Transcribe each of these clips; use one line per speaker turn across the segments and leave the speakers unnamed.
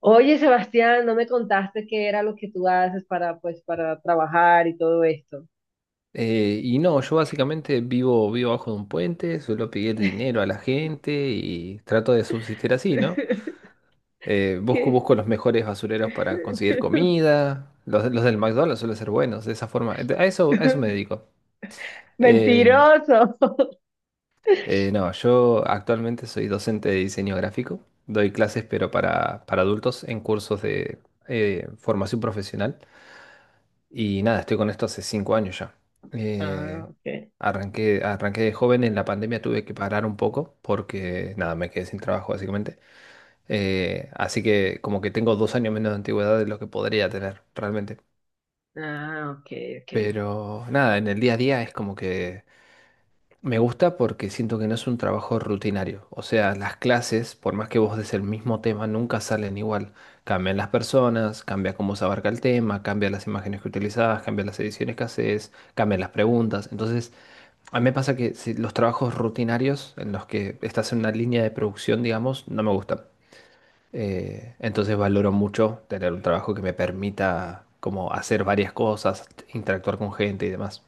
Oye, Sebastián, no me contaste qué era lo que tú haces para, pues, para trabajar y todo esto.
Y no, yo básicamente vivo, vivo bajo de un puente, suelo pedir dinero a la gente y trato de subsistir así, ¿no?
¿Qué?
Busco los mejores basureros para conseguir comida. Los del McDonald's suelen ser buenos, de esa forma. A eso me dedico. Eh,
Mentiroso.
no, yo actualmente soy docente de diseño gráfico. Doy clases, pero para adultos en cursos de formación profesional. Y nada, estoy con esto hace 5 años ya.
Ah,
Eh,
ok.
Arranqué de joven. En la pandemia tuve que parar un poco porque nada, me quedé sin trabajo básicamente. Así que como que tengo 2 años menos de antigüedad de lo que podría tener realmente.
Ah, ok, ok.
Pero nada, en el día a día es como que me gusta porque siento que no es un trabajo rutinario. O sea, las clases, por más que vos des el mismo tema, nunca salen igual. Cambian las personas, cambia cómo se abarca el tema, cambian las imágenes que utilizás, cambian las ediciones que haces, cambian las preguntas. Entonces, a mí me pasa que los trabajos rutinarios en los que estás en una línea de producción, digamos, no me gustan. Entonces valoro mucho tener un trabajo que me permita como hacer varias cosas, interactuar con gente y demás.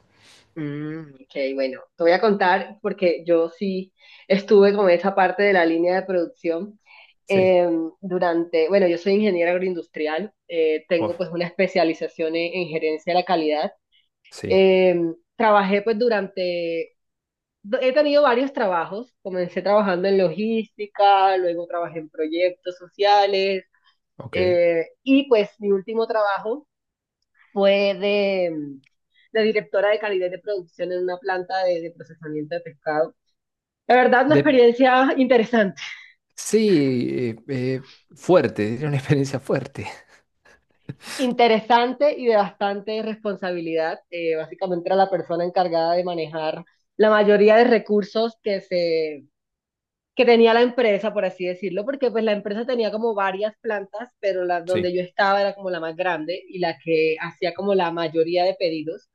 Mm, ok, bueno, te voy a contar porque yo sí estuve con esa parte de la línea de producción
Sí,
durante, bueno, yo soy ingeniera agroindustrial,
wow,
tengo pues una especialización en gerencia de la calidad.
sí,
Trabajé pues durante he tenido varios trabajos. Comencé trabajando en logística, luego trabajé en proyectos sociales,
ok.
y pues mi último trabajo fue de directora de calidad de producción en una planta de procesamiento de pescado. La verdad, una
De-
experiencia interesante,
Sí, fuerte, era una experiencia fuerte.
interesante y de bastante responsabilidad. Básicamente era la persona encargada de manejar la mayoría de recursos que tenía la empresa, por así decirlo, porque pues la empresa tenía como varias plantas, pero la donde
Sí,
yo estaba era como la más grande y la que hacía como la mayoría de pedidos,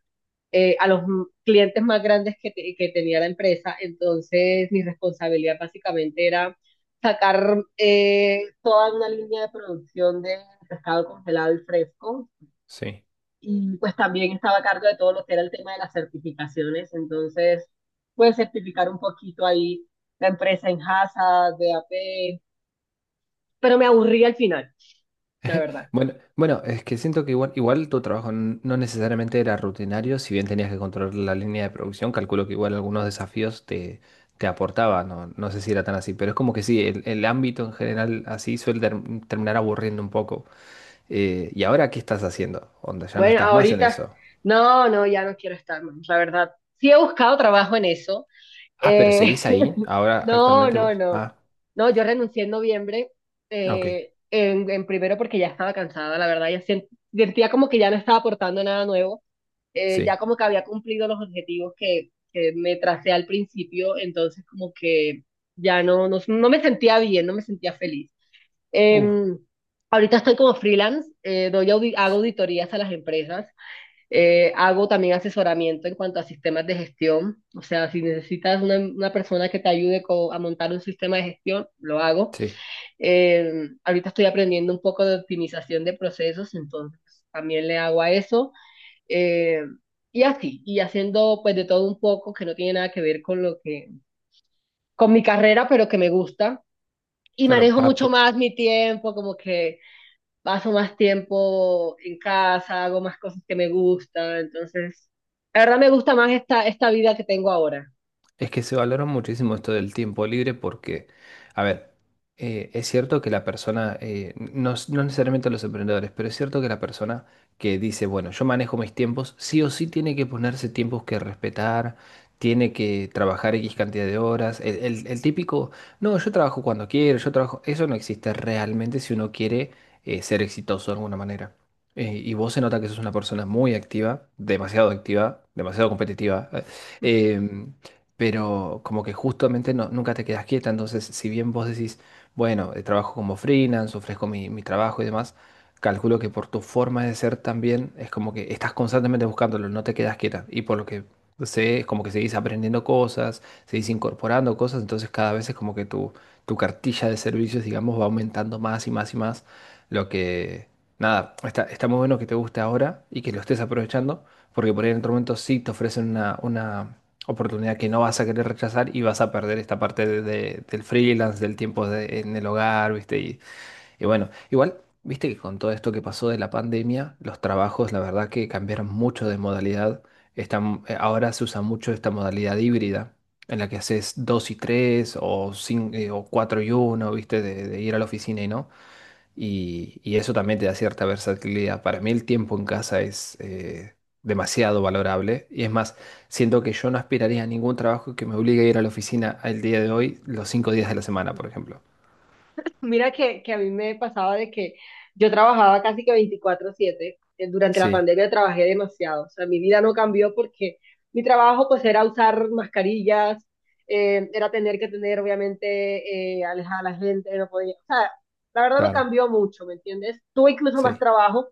a los clientes más grandes que tenía la empresa. Entonces mi responsabilidad básicamente era sacar toda una línea de producción de pescado congelado y fresco,
sí.
y pues también estaba a cargo de todo lo que era el tema de las certificaciones. Entonces pude certificar un poquito ahí la empresa en Hazard, de A P, pero me aburrí al final, la verdad.
Bueno, es que siento que igual tu trabajo no necesariamente era rutinario. Si bien tenías que controlar la línea de producción, calculo que igual algunos desafíos te aportaba. No, no sé si era tan así, pero es como que sí, el ámbito en general así suele terminar aburriendo un poco. ¿Y ahora qué estás haciendo? Onda, ya no
Bueno,
estás más en
ahorita,
eso.
no, ya no quiero estar más, la verdad. Sí he buscado trabajo en eso,
Ah, pero
eh,
seguís ahí, ahora
no,
actualmente vos.
no.
Ah,
No, yo renuncié en noviembre,
ok,
en primero porque ya estaba cansada, la verdad, ya sentía como que ya no estaba aportando nada nuevo. Ya
sí.
como que había cumplido los objetivos que me tracé al principio, entonces como que ya no me sentía bien, no me sentía feliz.
Uh,
Em, ahorita estoy como freelance. Hago
s-
auditorías a las empresas, hago también asesoramiento en cuanto a sistemas de gestión. O sea, si necesitas una persona que te ayude a montar un sistema de gestión, lo hago.
sí,
Eh, ahorita estoy aprendiendo un poco de optimización de procesos, entonces también le hago a eso. Eh, y así, y haciendo pues de todo un poco que no tiene nada que ver con con mi carrera, pero que me gusta. Y
claro,
manejo mucho más mi tiempo, como que paso más tiempo en casa, hago más cosas que me gustan. Entonces, la verdad me gusta más esta vida que tengo ahora.
es que se valora muchísimo esto del tiempo libre porque, a ver, es cierto que la persona, no, no necesariamente los emprendedores, pero es cierto que la persona que dice, bueno, yo manejo mis tiempos, sí o sí tiene que ponerse tiempos que respetar, tiene que trabajar X cantidad de horas. El típico, no, yo trabajo cuando quiero, yo trabajo, eso no existe realmente si uno quiere ser exitoso de alguna manera. Y vos se nota que sos una persona muy activa, demasiado competitiva. eh, em, pero como que justamente nunca te quedas quieta. Entonces, si bien vos decís, bueno, trabajo como freelance, ofrezco mi trabajo y demás, calculo que por tu forma de ser también es como que estás constantemente buscándolo, no te quedas quieta. Y por lo que sé, es como que seguís aprendiendo cosas, seguís incorporando cosas, entonces cada vez es como que tu cartilla de servicios, digamos, va aumentando más y más y más, lo que... Nada, está muy bueno que te guste ahora y que lo estés aprovechando, porque por ahí en otro momento sí te ofrecen una oportunidad que no vas a querer rechazar, y vas a perder esta parte del freelance, del tiempo en el hogar, ¿viste? Y bueno, igual, viste que con todo esto que pasó de la pandemia, los trabajos, la verdad que cambiaron mucho de modalidad. Están, ahora se usa mucho esta modalidad híbrida, en la que haces 2 y 3 o, 5 o 4 y 1, ¿viste? De ir a la oficina y no y, y eso también te da cierta versatilidad. Para mí el tiempo en casa es demasiado valorable, y es más, siento que yo no aspiraría a ningún trabajo que me obligue a ir a la oficina el día de hoy, los 5 días de la semana, por ejemplo.
Mira que a mí me pasaba de que yo trabajaba casi que 24/7. Durante la
Sí,
pandemia trabajé demasiado. O sea, mi vida no cambió porque mi trabajo pues era usar mascarillas. Era tener que tener obviamente alejar a la gente, no podía. O sea, la verdad no
claro,
cambió mucho, ¿me entiendes? Tuve incluso más
sí,
trabajo,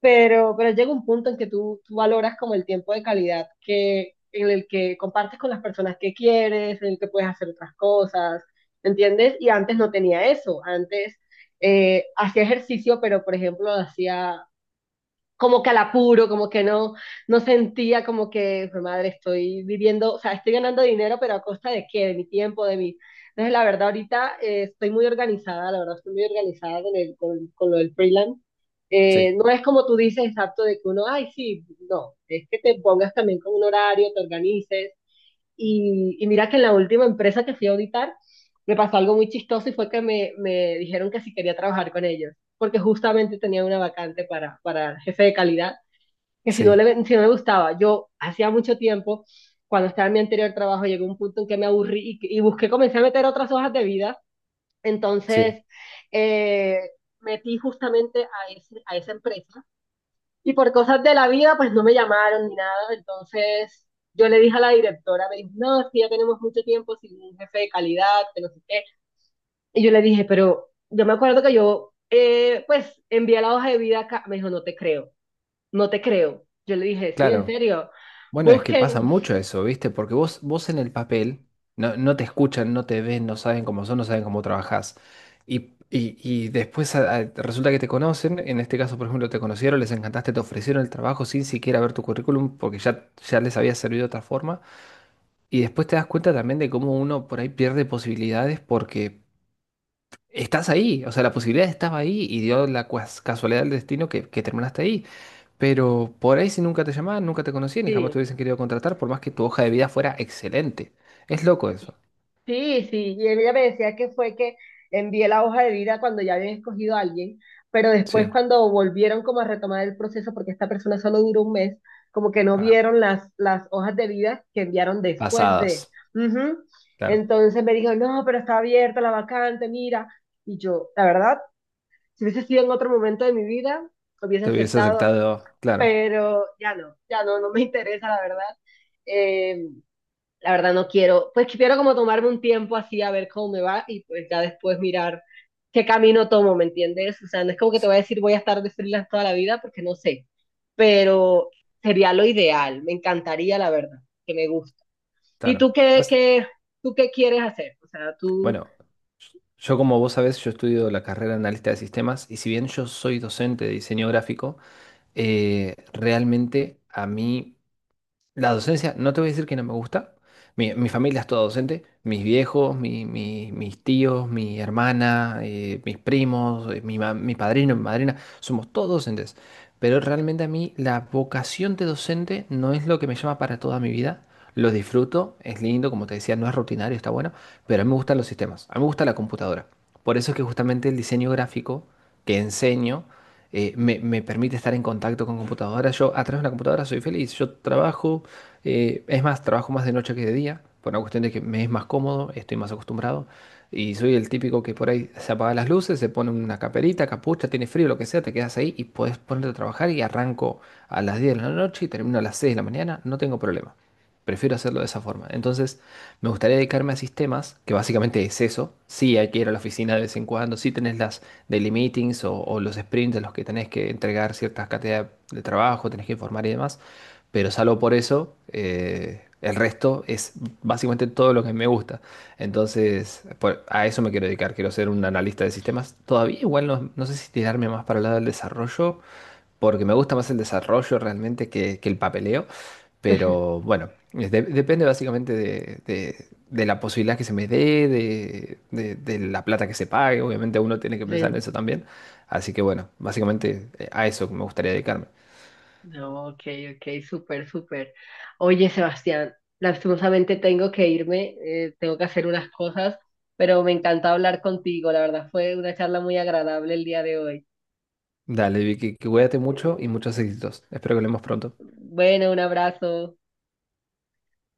pero llega un punto en que tú valoras como el tiempo de calidad en el que compartes con las personas que quieres, en el que puedes hacer otras cosas, ¿entiendes? Y antes no tenía eso, antes hacía ejercicio, pero por ejemplo lo hacía como que al apuro, como que no, no sentía como que, "Jue madre, estoy viviendo, o sea, estoy ganando dinero, pero a costa de qué, de mi tiempo, de mi... Entonces, la verdad, ahorita estoy muy organizada, la verdad, estoy muy organizada con lo del freelance.
sí,
No es como tú dices, exacto, de que uno, ay, sí, no, es que te pongas también con un horario, te organices, y mira que en la última empresa que fui a auditar, me pasó algo muy chistoso y fue que me dijeron que si quería trabajar con ellos, porque justamente tenía una vacante para jefe de calidad, que si no,
sí,
le, si no me gustaba, yo hacía mucho tiempo, cuando estaba en mi anterior trabajo, llegó un punto en que me aburrí y busqué, comencé a meter otras hojas de vida.
sí.
Entonces eh, metí justamente a esa empresa y por cosas de la vida, pues no me llamaron ni nada. Entonces yo le dije a la directora, me dijo, no, es que ya tenemos mucho tiempo sin un jefe de calidad, que no sé qué. Y yo le dije, pero yo me acuerdo que yo, pues, envié la hoja de vida acá. Me dijo, no te creo, no te creo. Yo le dije, sí, en
Claro.
serio.
Bueno, es que
Busquen,
pasa mucho eso, ¿viste? Porque vos en el papel no, no te escuchan, no te ven, no saben cómo son, no saben cómo trabajás. Y después resulta que te conocen. En este caso, por ejemplo, te conocieron, les encantaste, te ofrecieron el trabajo sin siquiera ver tu currículum porque ya les había servido de otra forma. Y después te das cuenta también de cómo uno por ahí pierde posibilidades porque estás ahí, o sea, la posibilidad estaba ahí y dio la casualidad del destino que terminaste ahí. Pero por ahí si nunca te llamaban, nunca te conocían y jamás te
sí,
hubiesen querido contratar, por más que tu hoja de vida fuera excelente. Es loco eso.
sí, sí, y ella me decía que fue que envié la hoja de vida cuando ya habían escogido a alguien, pero después
Sí.
cuando volvieron como a retomar el proceso, porque esta persona solo duró 1 mes, como que no
Ah,
vieron las hojas de vida que enviaron después de.
pasadas.
Ujú.
Claro.
Entonces me dijo, no, pero está abierta la vacante, mira. Y yo, la verdad, si hubiese sido en otro momento de mi vida, hubiese
Te hubiese
aceptado,
aceptado. Claro.
pero ya no, ya no, no me interesa, la verdad. Eh, la verdad no quiero, pues quiero como tomarme un tiempo así a ver cómo me va y pues ya después mirar qué camino tomo, ¿me entiendes? O sea, no es como que te
Sí,
voy a decir voy a estar de freelance toda la vida porque no sé, pero sería lo ideal, me encantaría la verdad, que me gusta. ¿Y
claro.
tú qué, qué, tú qué quieres hacer? O sea, tú...
Bueno, yo como vos sabés, yo estudio la carrera de analista de sistemas, y si bien yo soy docente de diseño gráfico, realmente a mí... La docencia, no te voy a decir que no me gusta. Mi familia es toda docente. Mis viejos, mis tíos, mi hermana, mis primos, mi padrino, mi madrina, somos todos docentes. Pero realmente a mí la vocación de docente no es lo que me llama para toda mi vida. Lo disfruto, es lindo, como te decía, no es rutinario, está bueno, pero a mí me gustan los sistemas, a mí me gusta la computadora. Por eso es que justamente el diseño gráfico que enseño me permite estar en contacto con computadoras. Yo a través de una computadora soy feliz. Yo trabajo, es más, trabajo más de noche que de día, por una cuestión de que me es más cómodo, estoy más acostumbrado. Y soy el típico que por ahí se apaga las luces, se pone una caperita, capucha, tiene frío, lo que sea, te quedas ahí y puedes ponerte a trabajar y arranco a las 10 de la noche y termino a las 6 de la mañana, no tengo problema. Prefiero hacerlo de esa forma. Entonces, me gustaría dedicarme a sistemas, que básicamente es eso. Sí, hay que ir a la oficina de vez en cuando, sí tenés las daily meetings o los sprints en los que tenés que entregar ciertas cantidades de trabajo, tenés que informar y demás, pero salvo por eso, el resto es básicamente todo lo que me gusta. Entonces, a eso me quiero dedicar, quiero ser un analista de sistemas. Todavía igual no, no sé si tirarme más para el lado del desarrollo porque me gusta más el desarrollo realmente que el papeleo, pero bueno, es depende básicamente de, de la posibilidad que se me dé, de, de la plata que se pague. Obviamente uno tiene que pensar
Sí.
en eso también, así que bueno, básicamente a eso me gustaría dedicarme.
No, ok, ok, súper, súper. Oye, Sebastián, lastimosamente tengo que irme, tengo que hacer unas cosas, pero me encanta hablar contigo, la verdad fue una charla muy agradable el día de hoy.
Dale, Vicky, que cuídate mucho y muchos éxitos. Espero que hablemos pronto.
Bueno, un abrazo.